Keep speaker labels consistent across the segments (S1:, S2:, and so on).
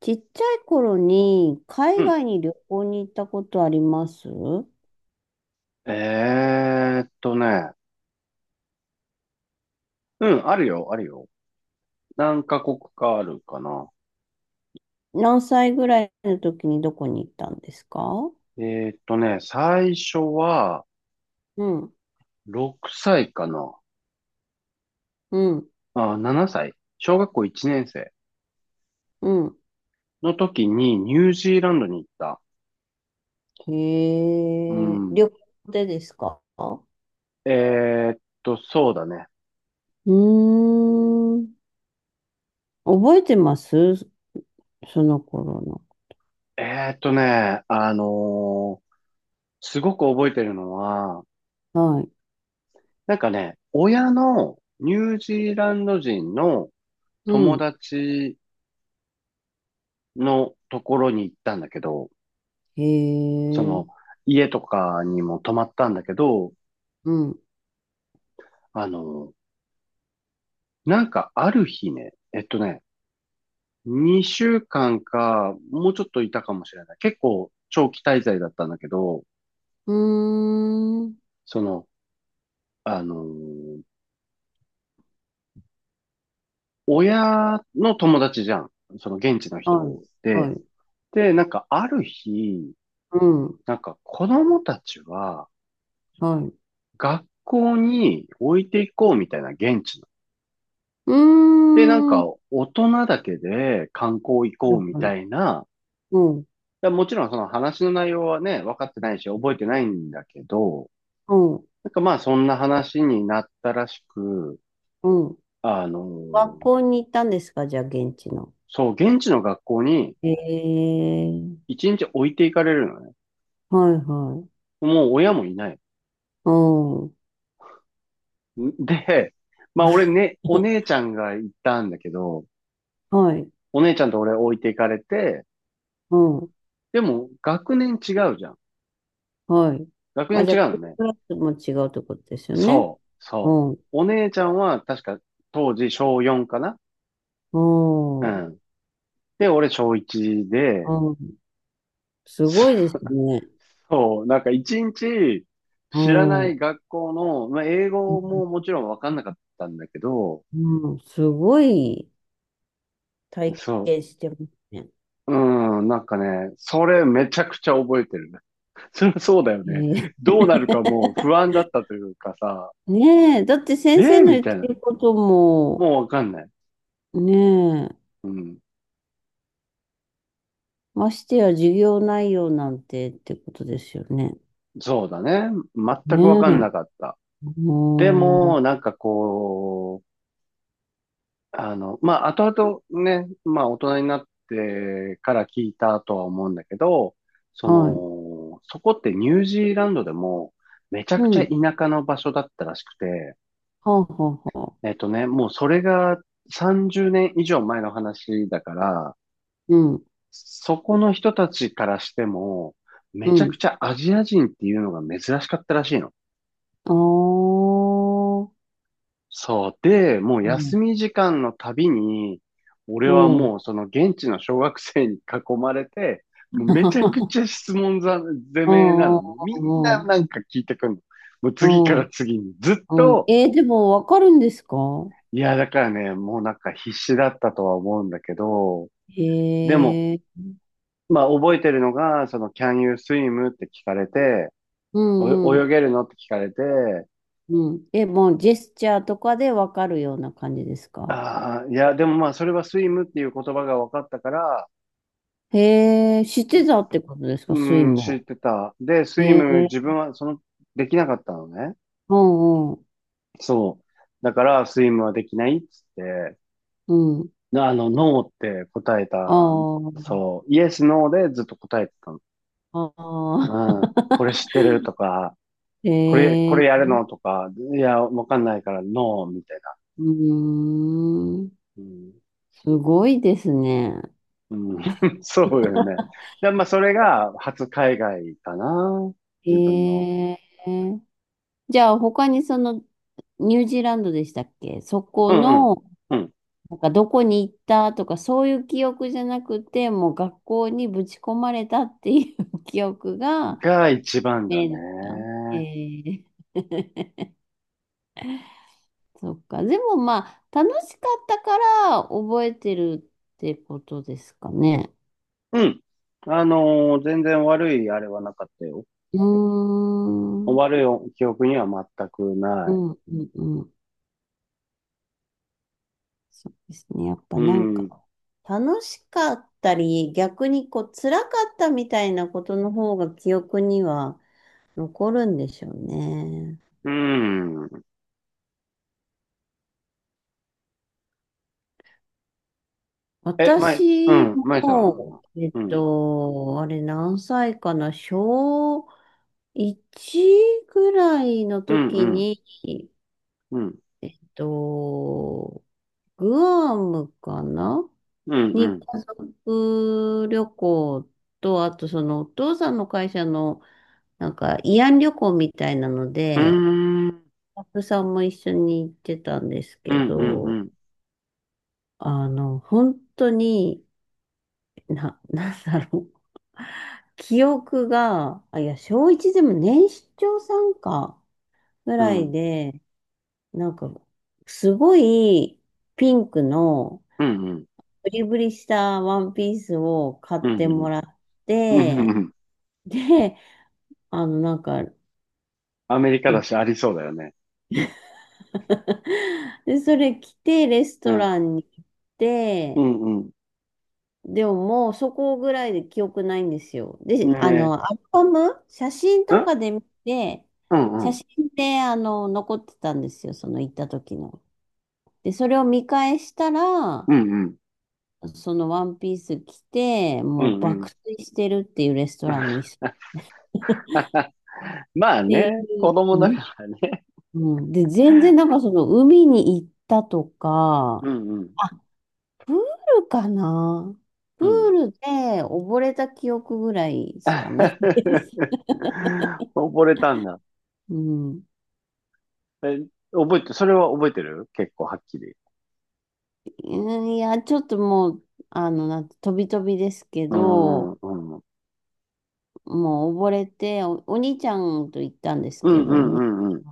S1: ちっちゃい頃に
S2: う
S1: 海
S2: ん。
S1: 外に旅行に行ったことあります？
S2: えーっとね。うん、あるよ、あるよ。何カ国かあるかな。
S1: 何歳ぐらいの時にどこに行ったんですか？
S2: え最初は
S1: うん、
S2: 6歳かな。
S1: うん、
S2: あ、7歳。小学校1年生
S1: うん。
S2: の時にニュージーランドに行った。
S1: へ
S2: う
S1: え、
S2: ん。
S1: 旅行でですか？う
S2: えーっそうだね。
S1: ーん。覚えてますその頃
S2: えーっとね、あのーすごく覚えてるのは、
S1: の？はい。
S2: なんかね、親のニュージーランド人の
S1: う
S2: 友
S1: ん。
S2: 達のところに行ったんだけど、
S1: へ
S2: そ
S1: え、
S2: の、家とかにも泊まったんだけど、
S1: うん。
S2: あの、なんかある日ね、2週間かんか、もうちょっといたかもしれない。結構長期滞在だったんだけど、
S1: うーん。
S2: その、あのー親の友達じゃん。その現地の
S1: はい、
S2: 人
S1: は
S2: で。
S1: い。
S2: で、なんかある日、
S1: うん、
S2: なんか子供たちは
S1: はい。
S2: 学校に置いていこうみたいな現地の。
S1: うー
S2: で、なん
S1: ん。は
S2: か大人だけで観光行
S1: い、
S2: こうみ
S1: はい。
S2: たいな
S1: うん、
S2: やもちろんその話の内容はね、分かってないし、覚えてないんだけど、
S1: うん、
S2: なんかまあそんな話になったらしく、
S1: うん。
S2: あの
S1: 学
S2: ー
S1: 校に行ったんですか？じゃあ、現地の。
S2: そう、現地の学校に
S1: ええ。
S2: 一日置いていかれるのね。
S1: はいはい。
S2: もう親もいない。
S1: うん。
S2: で、まあ俺ね、お姉 ちゃんが行ったんだけど、
S1: はい。
S2: お姉ちゃんと俺置いていかれて、
S1: うん。
S2: でも学年違うじゃん。
S1: はい。
S2: 学年
S1: あ、じゃ
S2: 違
S1: あ、ク
S2: うのね。
S1: ラスも違うってことですよね？
S2: そう、そ
S1: うん。
S2: う。お姉ちゃんは確か当時小4かな。
S1: うん。
S2: う
S1: う
S2: ん。で、俺小1で、
S1: ん。すごいですね。
S2: そう、なんか一日
S1: う
S2: 知らな
S1: ん。う
S2: い学校の、まあ、英語も
S1: ん。
S2: もちろんわかんなかったんだけど、
S1: うん、すごい体
S2: そ
S1: 験してますね。
S2: う、うん、なんかね、それめちゃくちゃ覚えてる。それはそうだよね。
S1: ええ。
S2: どうなるかもう不安だったというかさ、
S1: ねえ、だって
S2: え
S1: 先生
S2: ー、
S1: の
S2: み
S1: 言っ
S2: たい
S1: て
S2: な。
S1: ることも、
S2: もうわかんない。
S1: ねえ、
S2: うん。
S1: ましてや授業内容なんてってことですよね？
S2: そうだね。全
S1: ね
S2: くわかん
S1: え、
S2: なかった。で
S1: も
S2: も、なんかこう、まあ、後々ね、まあ、大人になってから聞いたとは思うんだけど、そ
S1: う、はい。
S2: の、そこってニュージーランドでも、めちゃ
S1: う
S2: くちゃ
S1: ん。は
S2: 田舎の場所だったらしくて、
S1: あ、はあ、はあ。
S2: もうそれが30年以上前の話だから、
S1: うん、
S2: そこの人たちからしても、め
S1: う
S2: ちゃく
S1: ん。
S2: ちゃアジア人っていうのが珍しかったらしいの。
S1: ああ、
S2: そう。で、もう
S1: うん、
S2: 休み時間のたびに、俺
S1: う
S2: は
S1: ん。
S2: もうその現地の小学生に囲まれて、もうめちゃくちゃ 質問攻
S1: う
S2: めなの。もうみん
S1: ん、う
S2: なな
S1: ん、
S2: んか聞いてくんの。もう
S1: う
S2: 次から
S1: ん。
S2: 次に。ずっ
S1: うん。
S2: と、
S1: えー、でも、わかるんですか？
S2: いや、だからね、もうなんか必死だったとは思うんだけど、でも、
S1: へえ、
S2: まあ覚えてるのが、その Can you swim? って聞かれて、
S1: うん、
S2: お
S1: う
S2: 泳
S1: ん、
S2: げるのって聞かれて、
S1: うん。え、もう、ジェスチャーとかでわかるような感じですか？
S2: ああ、いや、でもまあそれはスイムっていう言葉が分かったから、
S1: へえ、知ってたってことですか？スイ
S2: うん、知っ
S1: も。
S2: てた。で、スイ
S1: へえ、
S2: ム、自分は、その、できなかったのね。
S1: うん、うん、
S2: そう。だから、スイムはできないっつって、
S1: うん。
S2: ノーって答えた。
S1: あ
S2: そう。イエス、ノーでずっと答えてたの。
S1: あ、ああ、
S2: うん。これ知ってるとか、これ、こ
S1: へえ。
S2: れやるのとか、いや、わかんないから、ノーみたいな。
S1: うーん。
S2: うん。
S1: すごいですね。
S2: うん、そうだよね。で、まあ、それが、初海外かな。
S1: へ
S2: 自分の。
S1: え。じゃあ、他にその、ニュージーランドでしたっけ？そこ
S2: うん
S1: の、
S2: うん。
S1: なんかどこに行ったとか、そういう記憶じゃなくて、もう学校にぶち込まれたっていう 記憶
S2: うん。
S1: が
S2: が一番だ
S1: メイ
S2: ね。
S1: ンですか？ええ。そっか。でもまあ、楽しかったから覚えてるってことですかね？
S2: うん。全然悪いあれはなかったよ。
S1: うーん。うん、
S2: 悪い記憶には全く
S1: う
S2: ない。
S1: ん、うん。そうですね。やっぱ
S2: う
S1: なん
S2: ん。
S1: か、楽しかったり、逆にこう、辛かったみたいなことの方が記憶には残るんでしょうね。
S2: うん。
S1: 私
S2: まいさん
S1: も、
S2: は。うん。
S1: あれ何歳かな、小1ぐらいの
S2: うん、
S1: 時
S2: うん、
S1: に、
S2: うん、
S1: えっと、グアムかな
S2: うん、う
S1: に
S2: ん。
S1: 家族旅行と、あとそのお父さんの会社のなんか慰安旅行みたいなの
S2: うー
S1: で、
S2: ん、
S1: スタッフさんも一緒に行ってたんです
S2: う
S1: け
S2: ん、うん、う
S1: ど、
S2: ん、
S1: 本当に、なんだろう。記憶が、あ、いや、小1でも年長さんかぐ
S2: う
S1: らい
S2: ん、
S1: で、なんか、すごいピンクの
S2: うん、うん、
S1: ブリブリしたワンピースを買
S2: う
S1: っても
S2: ん、
S1: らっ
S2: うん、うん、
S1: て、
S2: うん。
S1: で、なんか、
S2: アメリカだし、ありそうだよね。
S1: で、それ着て、レス
S2: う
S1: ト
S2: ん、
S1: ランに行っ
S2: う
S1: て、
S2: ん、
S1: でももうそこぐらいで記憶ないんですよ。
S2: う
S1: で、
S2: ん。ね、
S1: アルバム、写真
S2: う
S1: と
S2: ん、
S1: かで見て、
S2: うん、
S1: 写
S2: うん、
S1: 真で、残ってたんですよ、その行った時の。で、それを見返したら、
S2: うん、うん、
S1: そのワンピース着て、
S2: う
S1: もう
S2: ん、うん
S1: 爆睡してるっていうレストランの椅 子っ
S2: まあ
S1: てい
S2: ね、子
S1: う、
S2: 供だ
S1: うん、
S2: からね。
S1: うんで、全然なんかその海に行ったと
S2: う
S1: か、
S2: ん、うん、
S1: あプールかなプ
S2: う
S1: ー
S2: ん。
S1: ルで溺れた記憶ぐらいしかないです。
S2: 溺れたんだ。
S1: うん。
S2: え、覚えて、それは覚えてる結構はっきり。
S1: うんいや、ちょっともう、なんて、飛び飛びですけ
S2: うーん、
S1: ど、
S2: うん。うん、
S1: もう溺れて、お兄ちゃんと行ったんです
S2: う
S1: け
S2: ん、う
S1: ど、お兄
S2: ん、うん。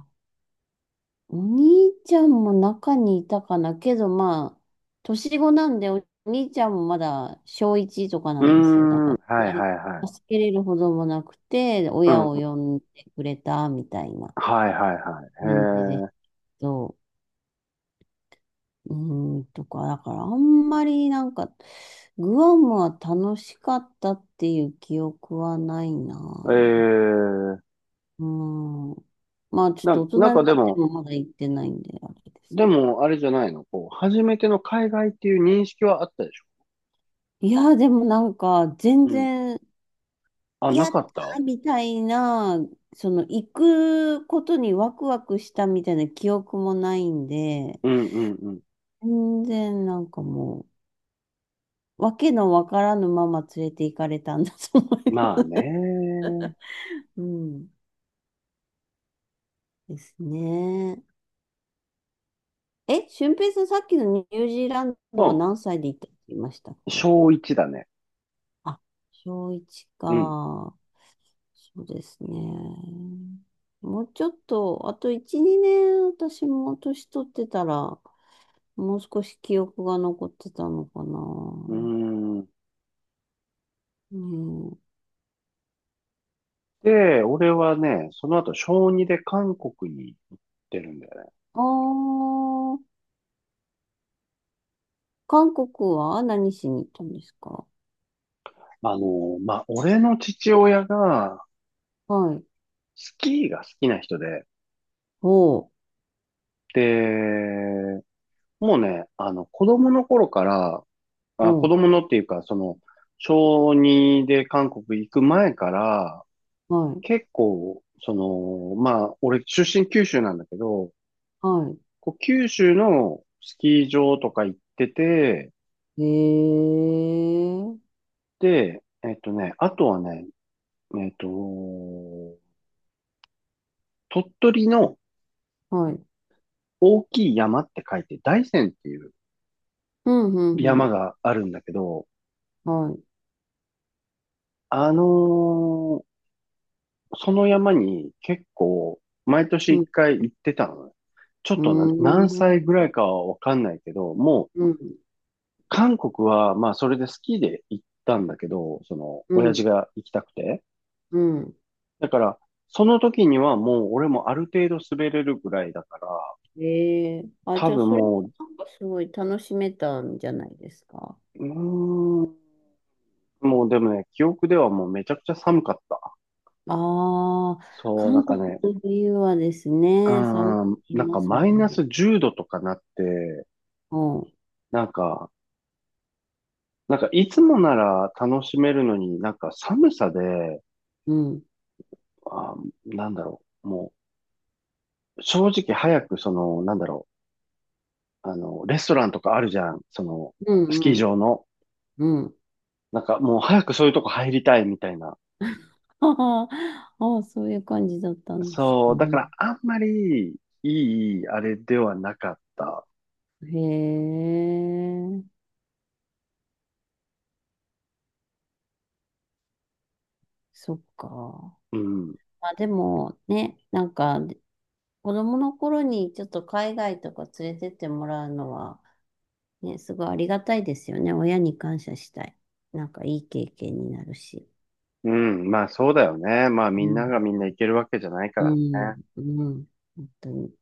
S1: お兄ちゃんも中にいたかなけど、まあ、年子なんで、お兄ちゃんもまだ小1とかな
S2: うー
S1: んですよ。だ
S2: ん、
S1: か
S2: は
S1: ら、そん
S2: い、
S1: なに
S2: はい、は
S1: 助
S2: い。
S1: けれるほどもなくて、
S2: う
S1: 親を
S2: ん、
S1: 呼んでくれたみたいな
S2: はい、はい、は
S1: 感じで。そう、うーん、とか、だからあんまりなんか、グアムは楽しかったっていう記憶はない
S2: い。へえ。
S1: な。
S2: ええ。
S1: うん。まあちょっ
S2: な、
S1: と大人に
S2: なん
S1: なっ
S2: かで
S1: て
S2: も、
S1: もまだ行ってないんで、あれです
S2: で
S1: けど。
S2: も、あれじゃないのこう、初めての海外っていう認識はあったでしょ？
S1: いや、でもなんか、全
S2: うん。
S1: 然、
S2: あ、な
S1: やっ
S2: かった。
S1: たみたいな、行くことにワクワクしたみたいな記憶もないんで、
S2: うん、うん、うん。
S1: 全然なんかもう、わけのわからぬまま連れて行かれたんだと思い
S2: ま
S1: ま
S2: あ
S1: す。
S2: ね。
S1: うん。ですね。え、俊平さん、さっきのニュージーラン
S2: う
S1: ドは
S2: ん。
S1: 何歳で行ったって言いましたっけ？
S2: 小一だね。
S1: あ、小1
S2: うん。
S1: か。そうですね。もうちょっと、あと1、2年、私も年取ってたら、もう少し記憶が残ってたのかな。
S2: うーん。
S1: うん。
S2: で、俺はね、その後、小2で韓国に行ってるんだよね。
S1: あー、韓国は何しに行ったんですか？
S2: まあ、俺の父親が、
S1: はい。
S2: スキーが好きな人で、
S1: おう、
S2: で、もうね、子供の頃から、あ、
S1: お
S2: 子
S1: う、
S2: 供のっていうか、その、小2で韓国行く前から、
S1: はい、
S2: 結構、その、まあ、俺出身九州なんだけど、
S1: は
S2: こう九州のスキー場とか行ってて、
S1: い。えー、
S2: で、あとはね、えっと、鳥取の
S1: はい。
S2: 大きい山って書いて大山っていう
S1: うん、うん、う
S2: 山
S1: ん。
S2: があるんだけど、
S1: はい。
S2: あのーその山に結構毎年
S1: う
S2: 一
S1: ん、
S2: 回行ってたのね。ちょっ
S1: う
S2: とな何
S1: ーん、
S2: 歳ぐらいかはわかんないけど、もう
S1: うん、
S2: 韓国はまあそれでスキーで行ったんだけど、その
S1: う
S2: 親父
S1: ん、
S2: が行きたくて。
S1: うん。
S2: だからその時にはもう俺もある程度滑れるぐらいだから、
S1: ええ、あ、
S2: 多
S1: じゃあ、
S2: 分
S1: それ、
S2: もう、
S1: なんかすごい楽しめたんじゃないですか？
S2: うーん、もうでもね、記憶ではもうめちゃくちゃ寒かった。
S1: ああ、
S2: そう、なん
S1: 韓
S2: か
S1: 国
S2: ね、
S1: の冬はです
S2: う
S1: ね、寒くな
S2: ん、
S1: り
S2: なん
S1: ま
S2: か
S1: すも
S2: マ
S1: ん
S2: イナ
S1: ね。
S2: ス10度とかなって、
S1: うん、
S2: なんか、なんかいつもなら楽しめるのになんか寒さで、
S1: うん、
S2: あ、なんだろう、もう正直早くその、なんだろう、レストランとかあるじゃん、その、
S1: う
S2: スキー
S1: ん、うん。
S2: 場の。
S1: うん、
S2: なんかもう早くそういうとこ入りたいみたいな。
S1: ああ、ああ、そういう感じだったんです
S2: そう、だか
S1: ね。
S2: らあんまりいい、あれではなかった。
S1: へえ、そっか。
S2: うん。
S1: まあでもね、なんか子供の頃にちょっと海外とか連れてってもらうのは、ね、すごいありがたいですよね。親に感謝したい。なんかいい経験になるし。
S2: うん、まあそうだよね。まあ
S1: う
S2: みんな
S1: ん、
S2: がみんな行けるわけじゃないか
S1: う
S2: ら
S1: ん、
S2: ね。
S1: うん。本当に。